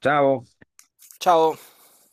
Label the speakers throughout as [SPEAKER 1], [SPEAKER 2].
[SPEAKER 1] Ciao,
[SPEAKER 2] Ciao.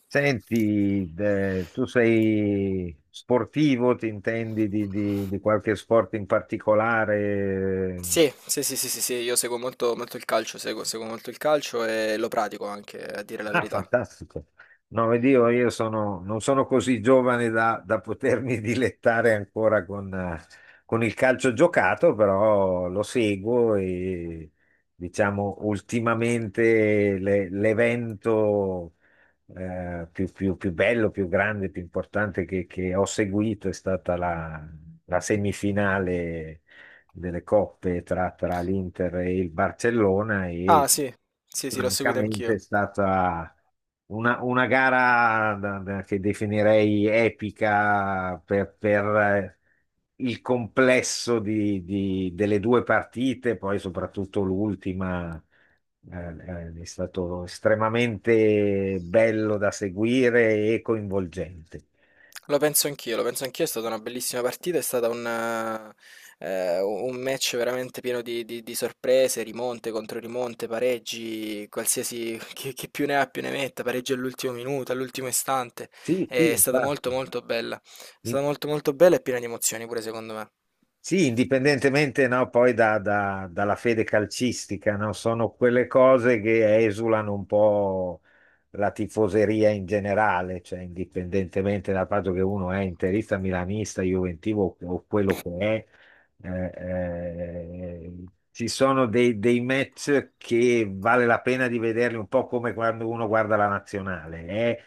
[SPEAKER 1] senti, tu sei sportivo, ti intendi di qualche sport in particolare?
[SPEAKER 2] Sì, sì, sì, sì, sì, sì, io seguo molto, molto il calcio, seguo, seguo molto il calcio e lo pratico anche, a dire la
[SPEAKER 1] Ah,
[SPEAKER 2] verità.
[SPEAKER 1] fantastico. No, vedi, io sono, non sono così giovane da potermi dilettare ancora con il calcio giocato, però lo seguo e diciamo ultimamente l'evento più bello, più grande, più importante che ho seguito è stata la semifinale delle coppe tra l'Inter e il Barcellona e
[SPEAKER 2] Ah, sì, sì, sì, l'ho seguito
[SPEAKER 1] francamente
[SPEAKER 2] anch'io.
[SPEAKER 1] è stata una gara che definirei epica per, il complesso delle due partite, poi soprattutto l'ultima. È stato estremamente bello da seguire e coinvolgente.
[SPEAKER 2] Lo penso anch'io, lo penso anch'io, è stata una bellissima partita, è stato un un match veramente pieno di sorprese, rimonte contro rimonte, pareggi, qualsiasi chi più ne ha più ne metta, pareggi all'ultimo minuto, all'ultimo istante,
[SPEAKER 1] Sì, sì,
[SPEAKER 2] è stata molto
[SPEAKER 1] infatti.
[SPEAKER 2] molto bella, è stata molto molto bella e piena di emozioni pure secondo me.
[SPEAKER 1] Sì, indipendentemente no, poi dalla fede calcistica, no? Sono quelle cose che esulano un po' la tifoseria in generale, cioè indipendentemente dal fatto che uno è interista, milanista, juventivo o quello che è, ci sono dei match che vale la pena di vederli un po' come quando uno guarda la nazionale.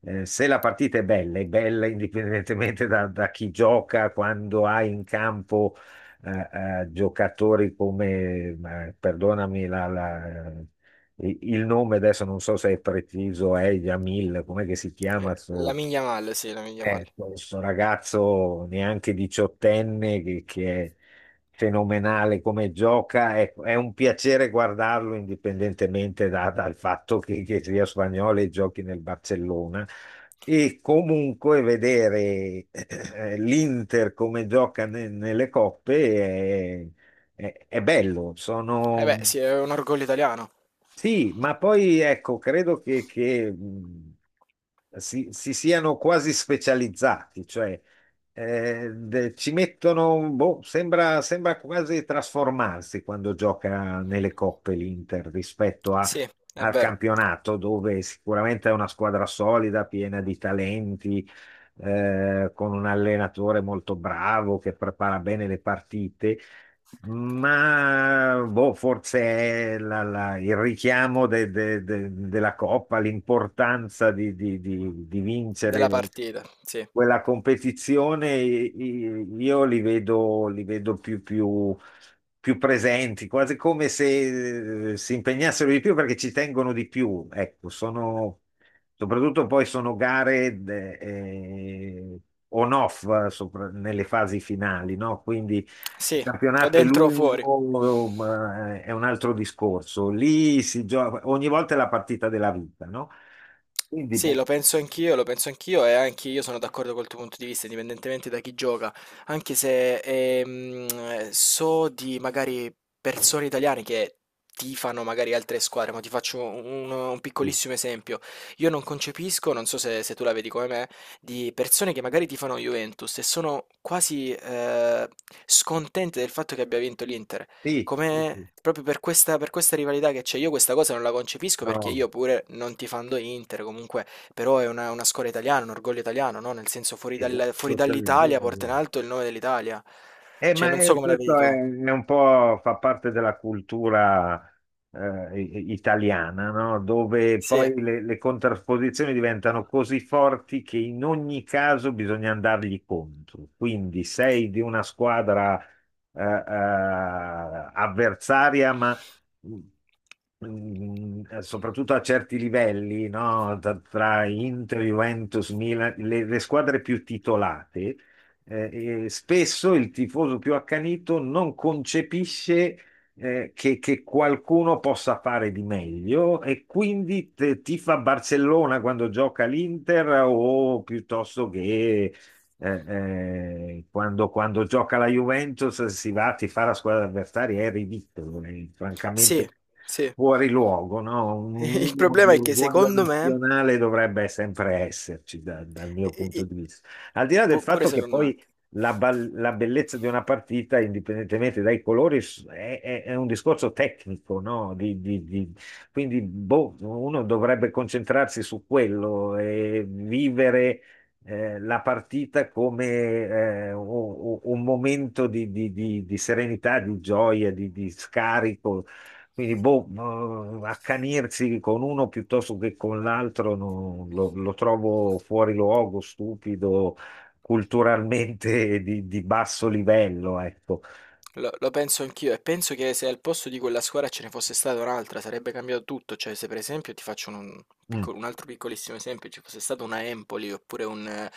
[SPEAKER 1] Se la partita è bella indipendentemente da, da chi gioca, quando hai in campo eh, giocatori come, perdonami il nome adesso non so se è preciso, è Jamil, com'è che si
[SPEAKER 2] Eh,
[SPEAKER 1] chiama?
[SPEAKER 2] La miglia male, sì, la miglia male.
[SPEAKER 1] Questo ragazzo neanche diciottenne che è fenomenale come gioca, è un piacere guardarlo indipendentemente dal fatto che sia spagnolo e giochi nel Barcellona. E comunque vedere l'Inter come gioca nelle coppe è bello.
[SPEAKER 2] Eh
[SPEAKER 1] Sono,
[SPEAKER 2] beh, sì, è un orgoglio italiano.
[SPEAKER 1] sì, ma poi ecco, credo che si siano quasi specializzati, cioè ci mettono, boh, sembra quasi trasformarsi quando gioca nelle coppe l'Inter rispetto
[SPEAKER 2] Sì, è
[SPEAKER 1] al
[SPEAKER 2] vero,
[SPEAKER 1] campionato, dove sicuramente è una squadra solida, piena di talenti, con un allenatore molto bravo che prepara bene le partite. Ma boh, forse è il richiamo della Coppa, l'importanza di
[SPEAKER 2] della
[SPEAKER 1] vincere
[SPEAKER 2] partita, sì.
[SPEAKER 1] quella competizione, io li vedo più presenti, quasi come se si impegnassero di più perché ci tengono di più. Ecco, sono, soprattutto poi sono gare on-off nelle fasi finali, no? Quindi il
[SPEAKER 2] Sì, o
[SPEAKER 1] campionato è
[SPEAKER 2] dentro o fuori.
[SPEAKER 1] lungo, ma è un altro discorso. Lì si gioca, ogni volta è la partita della vita, no? Quindi,
[SPEAKER 2] Sì,
[SPEAKER 1] boh,
[SPEAKER 2] lo penso anch'io e anche io sono d'accordo col tuo punto di vista, indipendentemente da chi gioca, anche se so di magari persone italiane che tifano magari altre squadre, ma ti faccio un
[SPEAKER 1] sì,
[SPEAKER 2] piccolissimo esempio. Io non concepisco, non so se, se tu la vedi come me, di persone che magari tifano Juventus e sono quasi scontente del fatto che abbia vinto l'Inter.
[SPEAKER 1] sì,
[SPEAKER 2] Come
[SPEAKER 1] sì,
[SPEAKER 2] proprio per per questa rivalità che c'è, io questa cosa non la concepisco perché
[SPEAKER 1] no,
[SPEAKER 2] io pure non tifando Inter, comunque, però è una scuola italiana, un orgoglio italiano, no? Nel senso fuori
[SPEAKER 1] esatto,
[SPEAKER 2] dall'Italia porta in alto il nome dell'Italia. Cioè,
[SPEAKER 1] Ma
[SPEAKER 2] non so come la vedi
[SPEAKER 1] questo è,
[SPEAKER 2] tu.
[SPEAKER 1] è un po' fa parte della cultura italiana, no? Dove
[SPEAKER 2] Sì,
[SPEAKER 1] poi le contrapposizioni diventano così forti che in ogni caso bisogna andargli contro. Quindi sei di una squadra avversaria, ma soprattutto a certi livelli, no? Tra Inter, Juventus, Milan, le squadre più titolate e spesso il tifoso più accanito non concepisce che qualcuno possa fare di meglio e quindi tifa Barcellona quando gioca l'Inter o piuttosto che quando gioca la Juventus si va a tifare la squadra avversaria, è ridicolo, è
[SPEAKER 2] sì,
[SPEAKER 1] francamente
[SPEAKER 2] sì.
[SPEAKER 1] fuori luogo, no? Un
[SPEAKER 2] Il
[SPEAKER 1] minimo di
[SPEAKER 2] problema è che
[SPEAKER 1] orgoglio
[SPEAKER 2] secondo me.
[SPEAKER 1] nazionale dovrebbe sempre esserci dal mio
[SPEAKER 2] E-
[SPEAKER 1] punto
[SPEAKER 2] e-
[SPEAKER 1] di vista. Al di là del
[SPEAKER 2] Pure
[SPEAKER 1] fatto che
[SPEAKER 2] secondo me.
[SPEAKER 1] poi la bellezza di una partita, indipendentemente dai colori, è un discorso tecnico, no? Quindi boh, uno dovrebbe concentrarsi su quello e vivere la partita come eh, u- un momento di serenità, di gioia, di scarico. Quindi, boh, accanirsi con uno piuttosto che con l'altro no, lo trovo fuori luogo, stupido, culturalmente di basso livello, ecco.
[SPEAKER 2] Lo, lo penso anch'io e penso che se al posto di quella squadra ce ne fosse stata un'altra sarebbe cambiato tutto, cioè se per esempio ti faccio
[SPEAKER 1] Mm.
[SPEAKER 2] un altro piccolissimo esempio, ci fosse stata una Empoli oppure un, eh,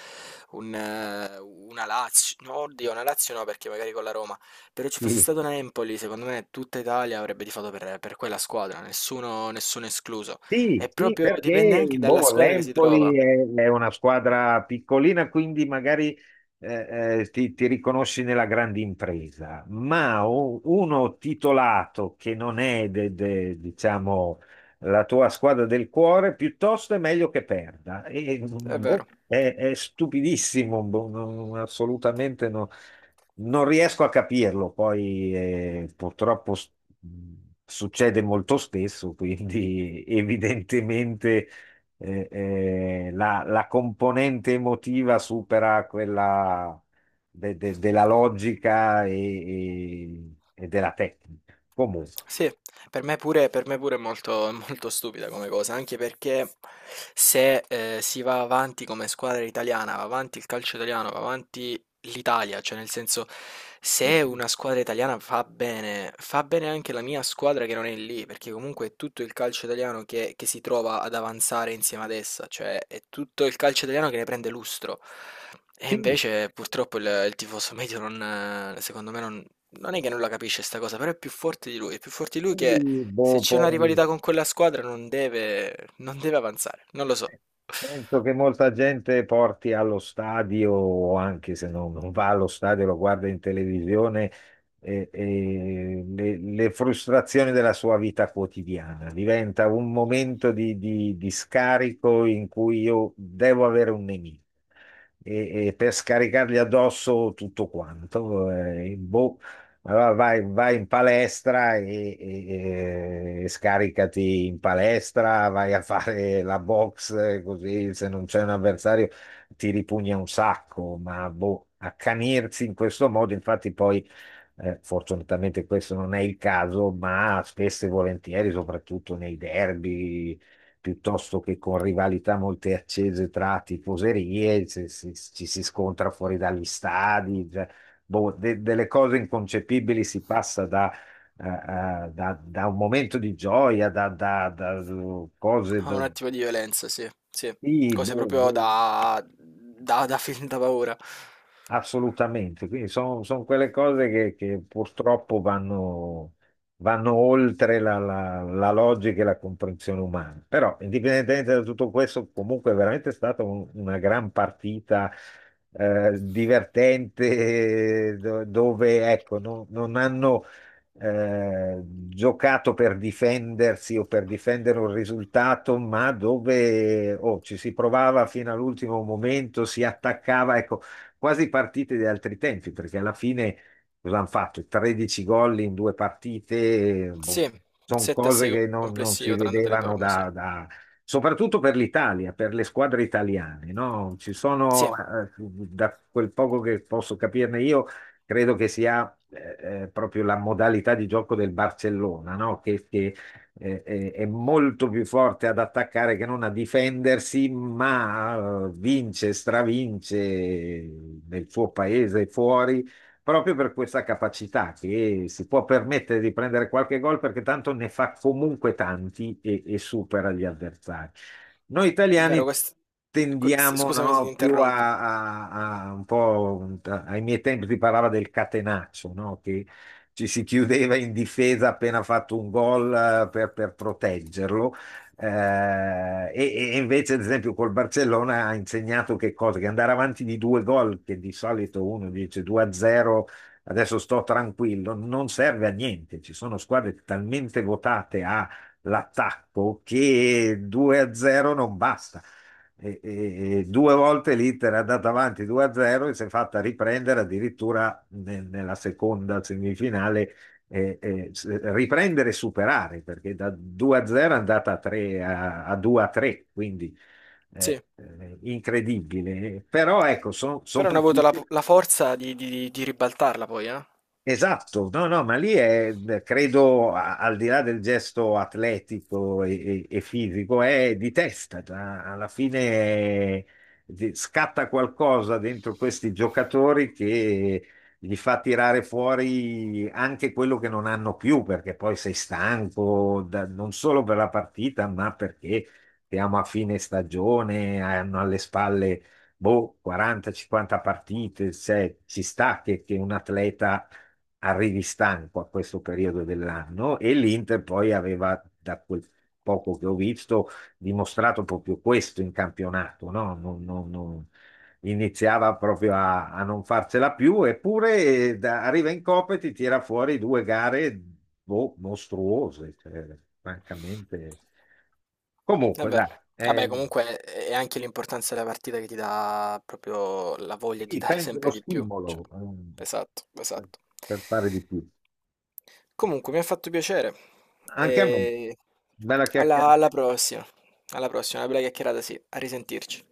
[SPEAKER 2] un, eh, una Lazio, no, oddio, una Lazio no perché magari con la Roma, però ci fosse
[SPEAKER 1] Sì,
[SPEAKER 2] stata una Empoli, secondo me tutta Italia avrebbe tifato per quella squadra, nessuno, nessuno escluso,
[SPEAKER 1] sì,
[SPEAKER 2] e
[SPEAKER 1] sì,
[SPEAKER 2] proprio dipende
[SPEAKER 1] perché
[SPEAKER 2] anche dalla
[SPEAKER 1] boh,
[SPEAKER 2] squadra che si trova.
[SPEAKER 1] l'Empoli è una squadra piccolina, quindi magari ti riconosci nella grande impresa, ma uno titolato che non è, diciamo, la tua squadra del cuore, piuttosto è meglio che perda. E,
[SPEAKER 2] È
[SPEAKER 1] boh,
[SPEAKER 2] vero.
[SPEAKER 1] è stupidissimo, boh, assolutamente no. Non riesco a capirlo, poi purtroppo mh, succede molto spesso, quindi evidentemente la componente emotiva supera quella della logica e della tecnica. Comunque,
[SPEAKER 2] Sì, per me pure è molto, molto stupida come cosa, anche perché se si va avanti come squadra italiana, va avanti il calcio italiano, va avanti l'Italia, cioè nel senso se una squadra italiana fa bene anche la mia squadra che non è lì, perché comunque è tutto il calcio italiano che si trova ad avanzare insieme ad essa, cioè è tutto il calcio italiano che ne prende lustro. E
[SPEAKER 1] sì,
[SPEAKER 2] invece purtroppo il tifoso medio non, secondo me non è che non la capisce sta cosa, però è più forte di lui. È più forte di lui che
[SPEAKER 1] quindi,
[SPEAKER 2] se
[SPEAKER 1] boh,
[SPEAKER 2] c'è una
[SPEAKER 1] poi
[SPEAKER 2] rivalità con quella squadra non deve, non deve avanzare. Non lo so.
[SPEAKER 1] penso che molta gente porti allo stadio, o anche se non va allo stadio, lo guarda in televisione, e le frustrazioni della sua vita quotidiana. Diventa un momento di scarico in cui io devo avere un nemico e per scaricargli addosso tutto quanto. Boh, allora vai in palestra e scaricati in palestra, vai a fare la box, così se non c'è un avversario ti ripugna un sacco, ma boh, accanirsi in questo modo, infatti poi. Fortunatamente questo non è il caso, ma spesso e volentieri, soprattutto nei derby, piuttosto che con rivalità molto accese tra tifoserie, ci si scontra fuori dagli stadi, cioè, boh, delle cose inconcepibili si passa da un momento di gioia, da cose
[SPEAKER 2] Ha un
[SPEAKER 1] da,
[SPEAKER 2] attimo di violenza, sì, sì.
[SPEAKER 1] sì,
[SPEAKER 2] Cose
[SPEAKER 1] boh,
[SPEAKER 2] proprio
[SPEAKER 1] boh.
[SPEAKER 2] da, da, da film da paura.
[SPEAKER 1] Assolutamente, quindi sono quelle cose che purtroppo vanno oltre la logica e la comprensione umana. Però, indipendentemente da tutto questo, comunque è veramente stata una gran partita divertente, dove ecco, non hanno giocato per difendersi o per difendere un risultato, ma dove oh, ci si provava fino all'ultimo momento, si attaccava. Ecco, quasi partite di altri tempi, perché alla fine cosa hanno fatto? 13 gol in due partite,
[SPEAKER 2] Sì,
[SPEAKER 1] boh,
[SPEAKER 2] un
[SPEAKER 1] sono
[SPEAKER 2] 7 a
[SPEAKER 1] cose
[SPEAKER 2] 6
[SPEAKER 1] che non si
[SPEAKER 2] complessivo tra andata e
[SPEAKER 1] vedevano
[SPEAKER 2] ritorno, sì.
[SPEAKER 1] soprattutto per l'Italia, per le squadre italiane, no? Ci
[SPEAKER 2] Sì,
[SPEAKER 1] sono,
[SPEAKER 2] è
[SPEAKER 1] da quel poco che posso capirne io, credo che sia proprio la modalità di gioco del Barcellona, no? Che è molto più forte ad attaccare che non a difendersi, ma vince, stravince nel suo paese e fuori proprio per questa capacità che si può permettere di prendere qualche gol perché tanto ne fa comunque tanti e supera gli avversari. Noi
[SPEAKER 2] vero,
[SPEAKER 1] italiani tendiamo
[SPEAKER 2] scusami se ti
[SPEAKER 1] no, più
[SPEAKER 2] interrompo.
[SPEAKER 1] a un po' ai miei tempi si parlava del catenaccio, no? Che ci si chiudeva in difesa appena fatto un gol per proteggerlo. Eh, e invece, ad esempio, col Barcellona ha insegnato che cosa? Che andare avanti di due gol, che di solito uno dice 2-0, adesso sto tranquillo, non serve a niente. Ci sono squadre talmente votate all'attacco che 2-0 non basta. E due volte l'Inter è andata avanti 2-0 e si è fatta riprendere addirittura nella seconda semifinale, riprendere e superare, perché da 2-0 è andata a 3 a 2-3, quindi
[SPEAKER 2] Sì.
[SPEAKER 1] incredibile. Però ecco, sono
[SPEAKER 2] Però hanno avuto la,
[SPEAKER 1] partite.
[SPEAKER 2] la forza di ribaltarla poi, eh?
[SPEAKER 1] Esatto, no, no, ma lì è, credo, al di là del gesto atletico e fisico, è di testa. Alla fine scatta qualcosa dentro questi giocatori che gli fa tirare fuori anche quello che non hanno più, perché poi sei stanco, non solo per la partita, ma perché siamo a fine stagione, hanno alle spalle, boh, 40-50 partite, cioè, ci sta che un atleta arrivi stanco a questo periodo dell'anno e l'Inter poi aveva, da quel poco che ho visto, dimostrato proprio questo in campionato, no? Iniziava proprio a non farcela più, eppure arriva in Coppa e ti tira fuori due gare boh, mostruose, cioè, francamente.
[SPEAKER 2] È
[SPEAKER 1] Comunque, dai,
[SPEAKER 2] vero. Vabbè,
[SPEAKER 1] eh,
[SPEAKER 2] comunque è anche l'importanza della partita che ti dà proprio la voglia di
[SPEAKER 1] sì,
[SPEAKER 2] dare
[SPEAKER 1] penso lo
[SPEAKER 2] sempre di più. Cioè.
[SPEAKER 1] stimolo
[SPEAKER 2] Esatto,
[SPEAKER 1] per
[SPEAKER 2] esatto.
[SPEAKER 1] per fare di più.
[SPEAKER 2] Comunque, mi ha fatto piacere.
[SPEAKER 1] Anche a me.
[SPEAKER 2] E
[SPEAKER 1] Bella
[SPEAKER 2] alla,
[SPEAKER 1] chiacchierata.
[SPEAKER 2] alla prossima. Alla prossima, una bella chiacchierata, sì. A risentirci.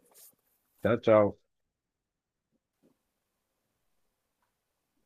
[SPEAKER 1] Ciao ciao.